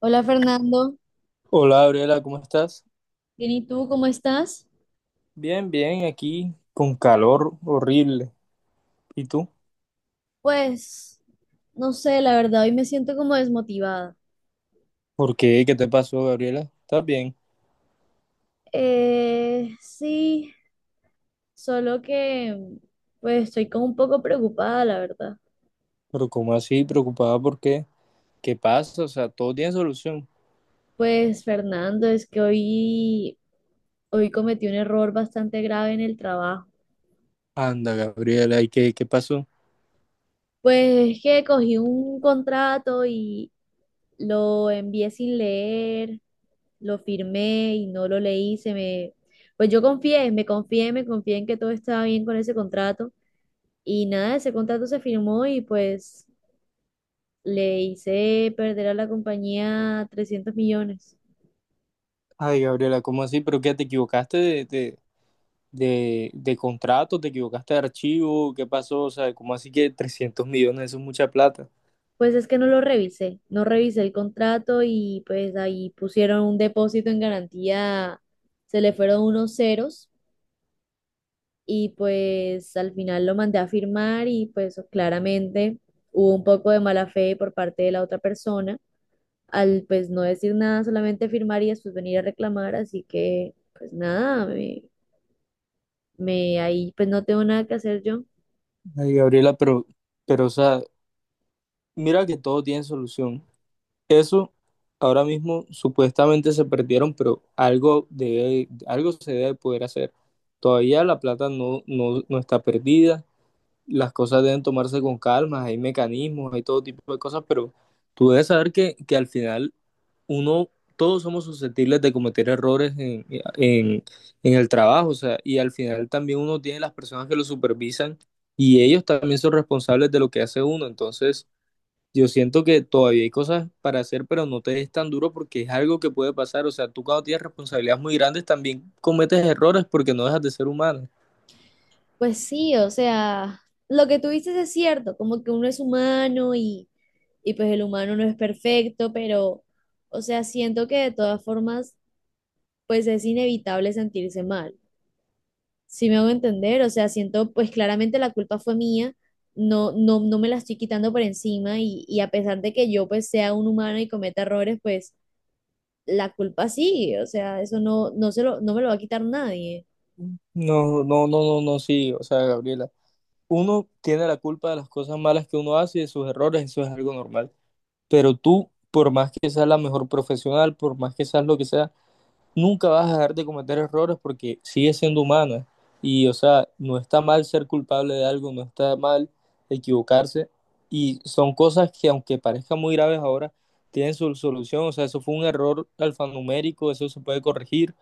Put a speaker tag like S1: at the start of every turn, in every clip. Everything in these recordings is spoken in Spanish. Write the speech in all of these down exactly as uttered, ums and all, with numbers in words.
S1: Hola Fernando,
S2: Hola, Gabriela, ¿cómo estás?
S1: bien y tú, ¿cómo estás?
S2: Bien, bien, aquí con calor horrible. ¿Y tú?
S1: Pues, no sé, la verdad, hoy me siento como desmotivada.
S2: ¿Por qué? ¿Qué te pasó, Gabriela? ¿Estás bien?
S1: Eh, sí, solo que, pues, estoy como un poco preocupada, la verdad.
S2: Pero ¿cómo así? ¿Preocupada por qué? ¿Qué pasa? O sea, todo tiene solución.
S1: Pues, Fernando, es que hoy, hoy cometí un error bastante grave en el trabajo.
S2: Anda, Gabriela, ¿y qué, qué pasó?
S1: Pues es que cogí un contrato y lo envié sin leer. Lo firmé y no lo leí, se me, pues yo confié, me confié, me confié en que todo estaba bien con ese contrato y nada, ese contrato se firmó y pues le hice perder a la compañía trescientos millones.
S2: Ay, Gabriela, ¿cómo así? ¿Pero qué? ¿Te equivocaste de, de, de, de contrato? ¿Te equivocaste de archivo? ¿Qué pasó? O sea, ¿cómo así que trescientos millones? Eso es mucha plata.
S1: Pues es que no lo revisé, no revisé el contrato y pues ahí pusieron un depósito en garantía, se le fueron unos ceros y pues al final lo mandé a firmar y pues claramente hubo un poco de mala fe por parte de la otra persona al pues no decir nada, solamente firmar y después venir a reclamar, así que pues nada, me, me ahí pues no tengo nada que hacer yo.
S2: Ay, Gabriela, pero, pero, o sea, mira que todo tiene solución. Eso ahora mismo supuestamente se perdieron, pero algo debe- algo se debe poder hacer. Todavía la plata no, no, no está perdida, las cosas deben tomarse con calma, hay mecanismos, hay todo tipo de cosas, pero tú debes saber que, que al final uno, todos somos susceptibles de cometer errores en, en, en el trabajo, o sea, y al final también uno tiene las personas que lo supervisan y ellos también son responsables de lo que hace uno, entonces... Yo siento que todavía hay cosas para hacer, pero no te es tan duro porque es algo que puede pasar. O sea, tú cuando tienes responsabilidades muy grandes también cometes errores porque no dejas de ser humano.
S1: Pues sí, o sea, lo que tú dices es cierto, como que uno es humano y, y pues el humano no es perfecto, pero, o sea, siento que de todas formas, pues es inevitable sentirse mal. Si me hago entender, o sea, siento, pues claramente la culpa fue mía, no, no, no me la estoy quitando por encima y, y a pesar de que yo pues sea un humano y cometa errores, pues la culpa sigue, o sea, eso no, no se lo, no me lo va a quitar nadie.
S2: No, no, no, no, no, sí. O sea, Gabriela, uno tiene la culpa de las cosas malas que uno hace y de sus errores, eso es algo normal. Pero tú, por más que seas la mejor profesional, por más que seas lo que sea, nunca vas a dejar de cometer errores porque sigues siendo humana. Y, o sea, no está mal ser culpable de algo, no está mal equivocarse. Y son cosas que, aunque parezcan muy graves ahora, tienen su solución. O sea, eso fue un error alfanumérico, eso se puede corregir,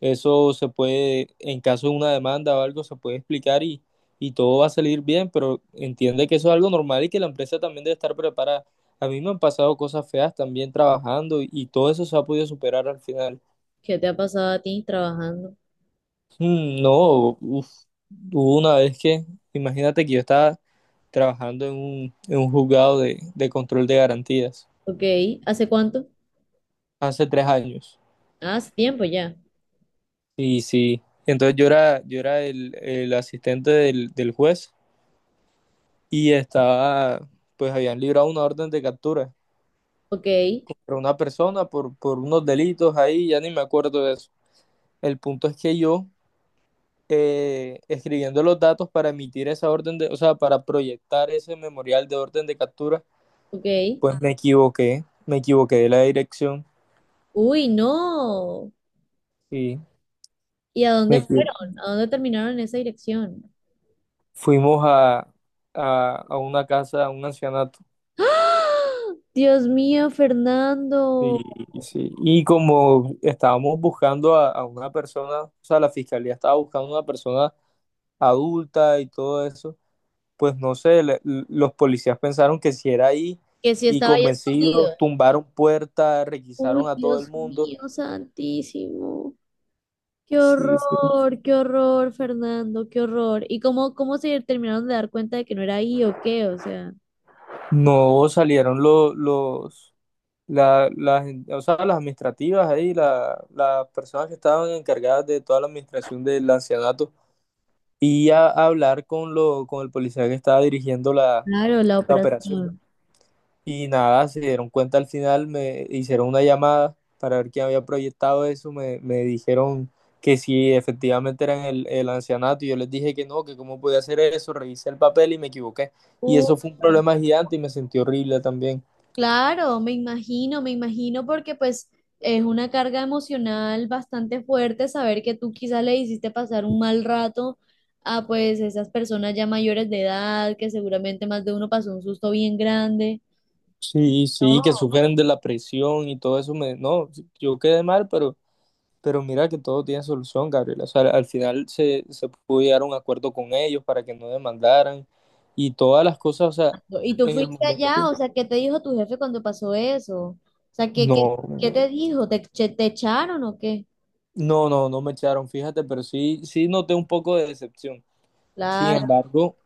S2: eso se puede, en caso de una demanda o algo, se puede explicar y, y todo va a salir bien. Pero entiende que eso es algo normal y que la empresa también debe estar preparada. A mí me han pasado cosas feas también trabajando y, y todo eso se ha podido superar al final.
S1: ¿Qué te ha pasado a ti trabajando?
S2: Mm, no, uf, hubo una vez que, imagínate que yo estaba trabajando en un, en un juzgado de, de control de garantías
S1: Ok, ¿hace cuánto?
S2: hace tres años.
S1: Ah, hace tiempo ya.
S2: Y sí, entonces yo era, yo era el, el asistente del, del juez y estaba, pues habían librado una orden de captura
S1: Ok,
S2: para una persona por, por unos delitos ahí, ya ni me acuerdo de eso. El punto es que yo, eh, escribiendo los datos para emitir esa orden de, o sea, para proyectar ese memorial de orden de captura,
S1: ok.
S2: pues me equivoqué, me equivoqué de la dirección
S1: Uy, no.
S2: y
S1: ¿Y a
S2: me
S1: dónde
S2: equi-
S1: fueron? ¿A dónde terminaron en esa dirección?
S2: fuimos a, a, a una casa, a un ancianato.
S1: ¡Ah! Dios mío, Fernando,
S2: Y, y sí, y como estábamos buscando a, a una persona, o sea, la fiscalía estaba buscando a una persona adulta y todo eso, pues no sé, le- l- los policías pensaron que si era ahí
S1: que si
S2: y
S1: estaba ahí escondido.
S2: convencidos, tumbaron puertas, requisaron
S1: Uy,
S2: a todo el
S1: Dios
S2: mundo.
S1: mío, santísimo. Qué
S2: Sí, sí.
S1: horror, qué horror, Fernando, qué horror. ¿Y cómo, cómo se terminaron de dar cuenta de que no era ahí o qué? O sea,
S2: No salieron los, los La, las, o sea, las administrativas ahí, la- las personas que estaban encargadas de toda la administración del ancianato y a, a hablar con, lo, con el policía que estaba dirigiendo la,
S1: claro, la
S2: la operación.
S1: operación.
S2: Y nada, se dieron cuenta al final, me hicieron una llamada para ver quién había proyectado eso, me, me dijeron que si efectivamente eran el, el ancianato y yo les dije que no, que cómo podía hacer eso, revisé el papel y me equivoqué. Y
S1: Uh,
S2: eso fue un
S1: perdón.
S2: problema gigante y me sentí horrible también.
S1: Claro, me imagino, me imagino porque pues es una carga emocional bastante fuerte saber que tú quizás le hiciste pasar un mal rato a pues esas personas ya mayores de edad, que seguramente más de uno pasó un susto bien grande.
S2: Sí, sí, que
S1: No.
S2: sufren de la presión y todo eso. Me, no, yo quedé mal, pero, pero mira que todo tiene solución, Gabriela. O sea, al final se, se pudo llegar a un acuerdo con ellos para que no demandaran y todas las cosas. O sea,
S1: ¿Y tú
S2: en el
S1: fuiste allá?
S2: momento,
S1: O sea, ¿qué te dijo tu jefe cuando pasó eso? O sea, ¿qué, qué, ¿qué
S2: no,
S1: te dijo? ¿Te, che- te echaron o qué?
S2: no, no, no me echaron, fíjate, pero sí, sí noté un poco de decepción. Sin
S1: Claro.
S2: embargo,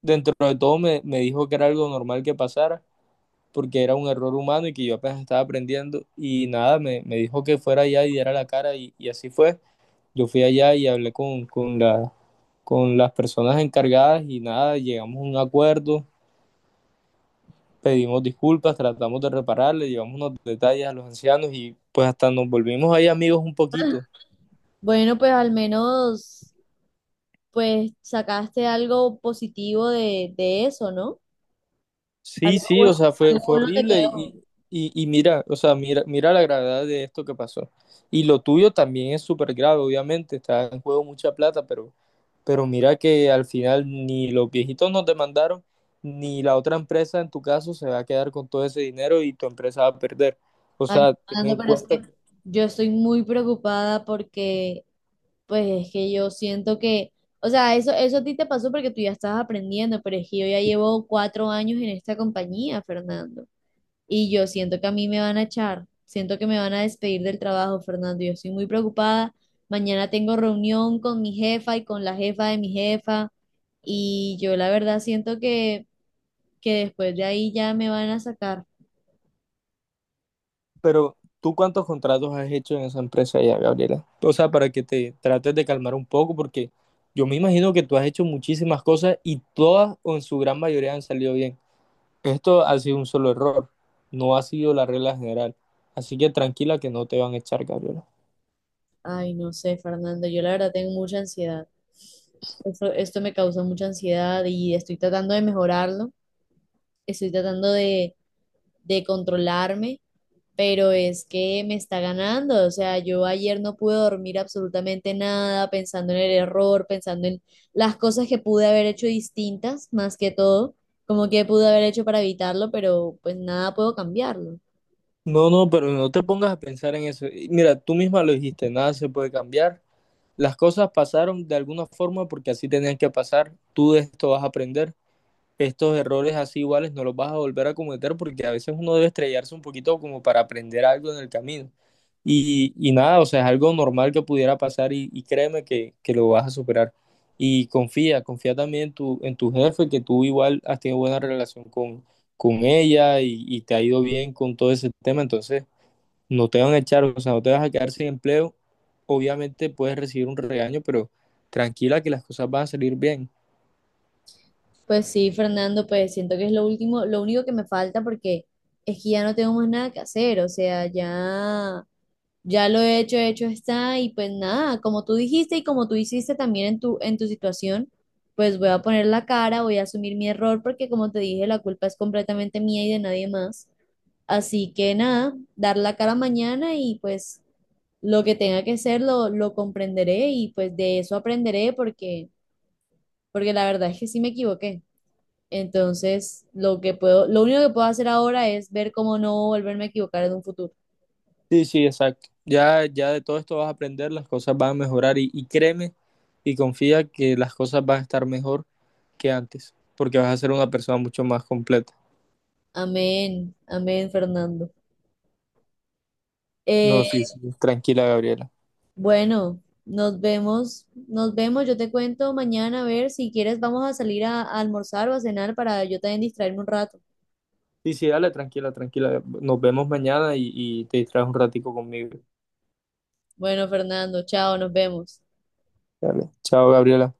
S2: dentro de todo me, me dijo que era algo normal que pasara, porque era un error humano y que yo apenas estaba aprendiendo. Y nada, me, me dijo que fuera allá y diera la cara y y así fue. Yo fui allá y hablé con, con la, con las personas encargadas y nada, llegamos a un acuerdo, pedimos disculpas, tratamos de repararle, llevamos unos detalles a los ancianos y pues hasta nos volvimos ahí amigos un poquito.
S1: Bueno, pues al menos, pues sacaste algo positivo de, de eso, ¿no?
S2: Sí,
S1: Algo
S2: sí, o
S1: bueno,
S2: sea, fue,
S1: algo
S2: fue
S1: bueno te
S2: horrible
S1: quedó.
S2: y, y, y mira, o sea, mira, mira la gravedad de esto que pasó. Y lo tuyo también es súper grave, obviamente, está en juego mucha plata, pero Pero mira que al final ni los viejitos nos demandaron, ni la otra empresa en tu caso se va a quedar con todo ese dinero y tu empresa va a perder. O
S1: Ay,
S2: sea, ten
S1: Fernando,
S2: en
S1: pero es
S2: cuenta
S1: que
S2: que...
S1: yo estoy muy preocupada porque, pues es que yo siento que, o sea, eso, eso a ti te pasó porque tú ya estabas aprendiendo, pero es que yo ya llevo cuatro años en esta compañía, Fernando. Y yo siento que a mí me van a echar, siento que me van a despedir del trabajo, Fernando. Yo estoy muy preocupada. Mañana tengo reunión con mi jefa y con la jefa de mi jefa. Y yo la verdad siento que, que después de ahí ya me van a sacar.
S2: Pero ¿tú cuántos contratos has hecho en esa empresa ya, Gabriela? O sea, para que te trates de calmar un poco, porque yo me imagino que tú has hecho muchísimas cosas y todas o en su gran mayoría han salido bien. Esto ha sido un solo error, no ha sido la regla general. Así que tranquila que no te van a echar, Gabriela.
S1: Ay, no sé, Fernando, yo la verdad tengo mucha ansiedad. Esto, esto me causa mucha ansiedad y estoy tratando de mejorarlo. Estoy tratando de, de controlarme pero es que me está ganando. O sea, yo ayer no pude dormir absolutamente nada, pensando en el error, pensando en las cosas que pude haber hecho distintas, más que todo, como que pude haber hecho para evitarlo, pero pues nada puedo cambiarlo.
S2: No, no, pero no te pongas a pensar en eso. Y mira, tú misma lo dijiste, nada se puede cambiar. Las cosas pasaron de alguna forma porque así tenían que pasar. Tú de esto vas a aprender. Estos errores así iguales no los vas a volver a cometer porque a veces uno debe estrellarse un poquito como para aprender algo en el camino. Y, y nada, o sea, es algo normal que pudiera pasar y, y créeme que, que lo vas a superar. Y confía, confía también en tu, en tu jefe, que tú igual has tenido buena relación con, con ella y y te ha ido bien con todo ese tema. Entonces no te van a echar, o sea, no te vas a quedar sin empleo. Obviamente puedes recibir un regaño, pero tranquila que las cosas van a salir bien.
S1: Pues sí, Fernando, pues siento que es lo último, lo único que me falta porque es que ya no tengo más nada que hacer, o sea, ya. Ya lo he hecho, hecho está, y pues nada, como tú dijiste y como tú hiciste también en tu, en tu situación, pues voy a poner la cara, voy a asumir mi error, porque como te dije, la culpa es completamente mía y de nadie más. Así que nada, dar la cara mañana y pues lo que tenga que ser lo, lo comprenderé y pues de eso aprenderé porque, porque la verdad es que sí me equivoqué. Entonces, lo que puedo, lo único que puedo hacer ahora es ver cómo no volverme a equivocar en un futuro.
S2: Sí, sí, exacto. Ya, ya de todo esto vas a aprender, las cosas van a mejorar y, y créeme y confía que las cosas van a estar mejor que antes, porque vas a ser una persona mucho más completa.
S1: Amén, amén, Fernando. Eh,
S2: No, sí, sí, tranquila, Gabriela.
S1: Bueno, nos vemos, nos vemos, yo te cuento mañana a ver si quieres vamos a salir a, a almorzar o a cenar para yo también distraerme un rato.
S2: Sí, sí, dale, tranquila, tranquila. Nos vemos mañana y, y te distraes un ratico conmigo.
S1: Bueno, Fernando, chao, nos vemos.
S2: Dale. Chao, Gabriela.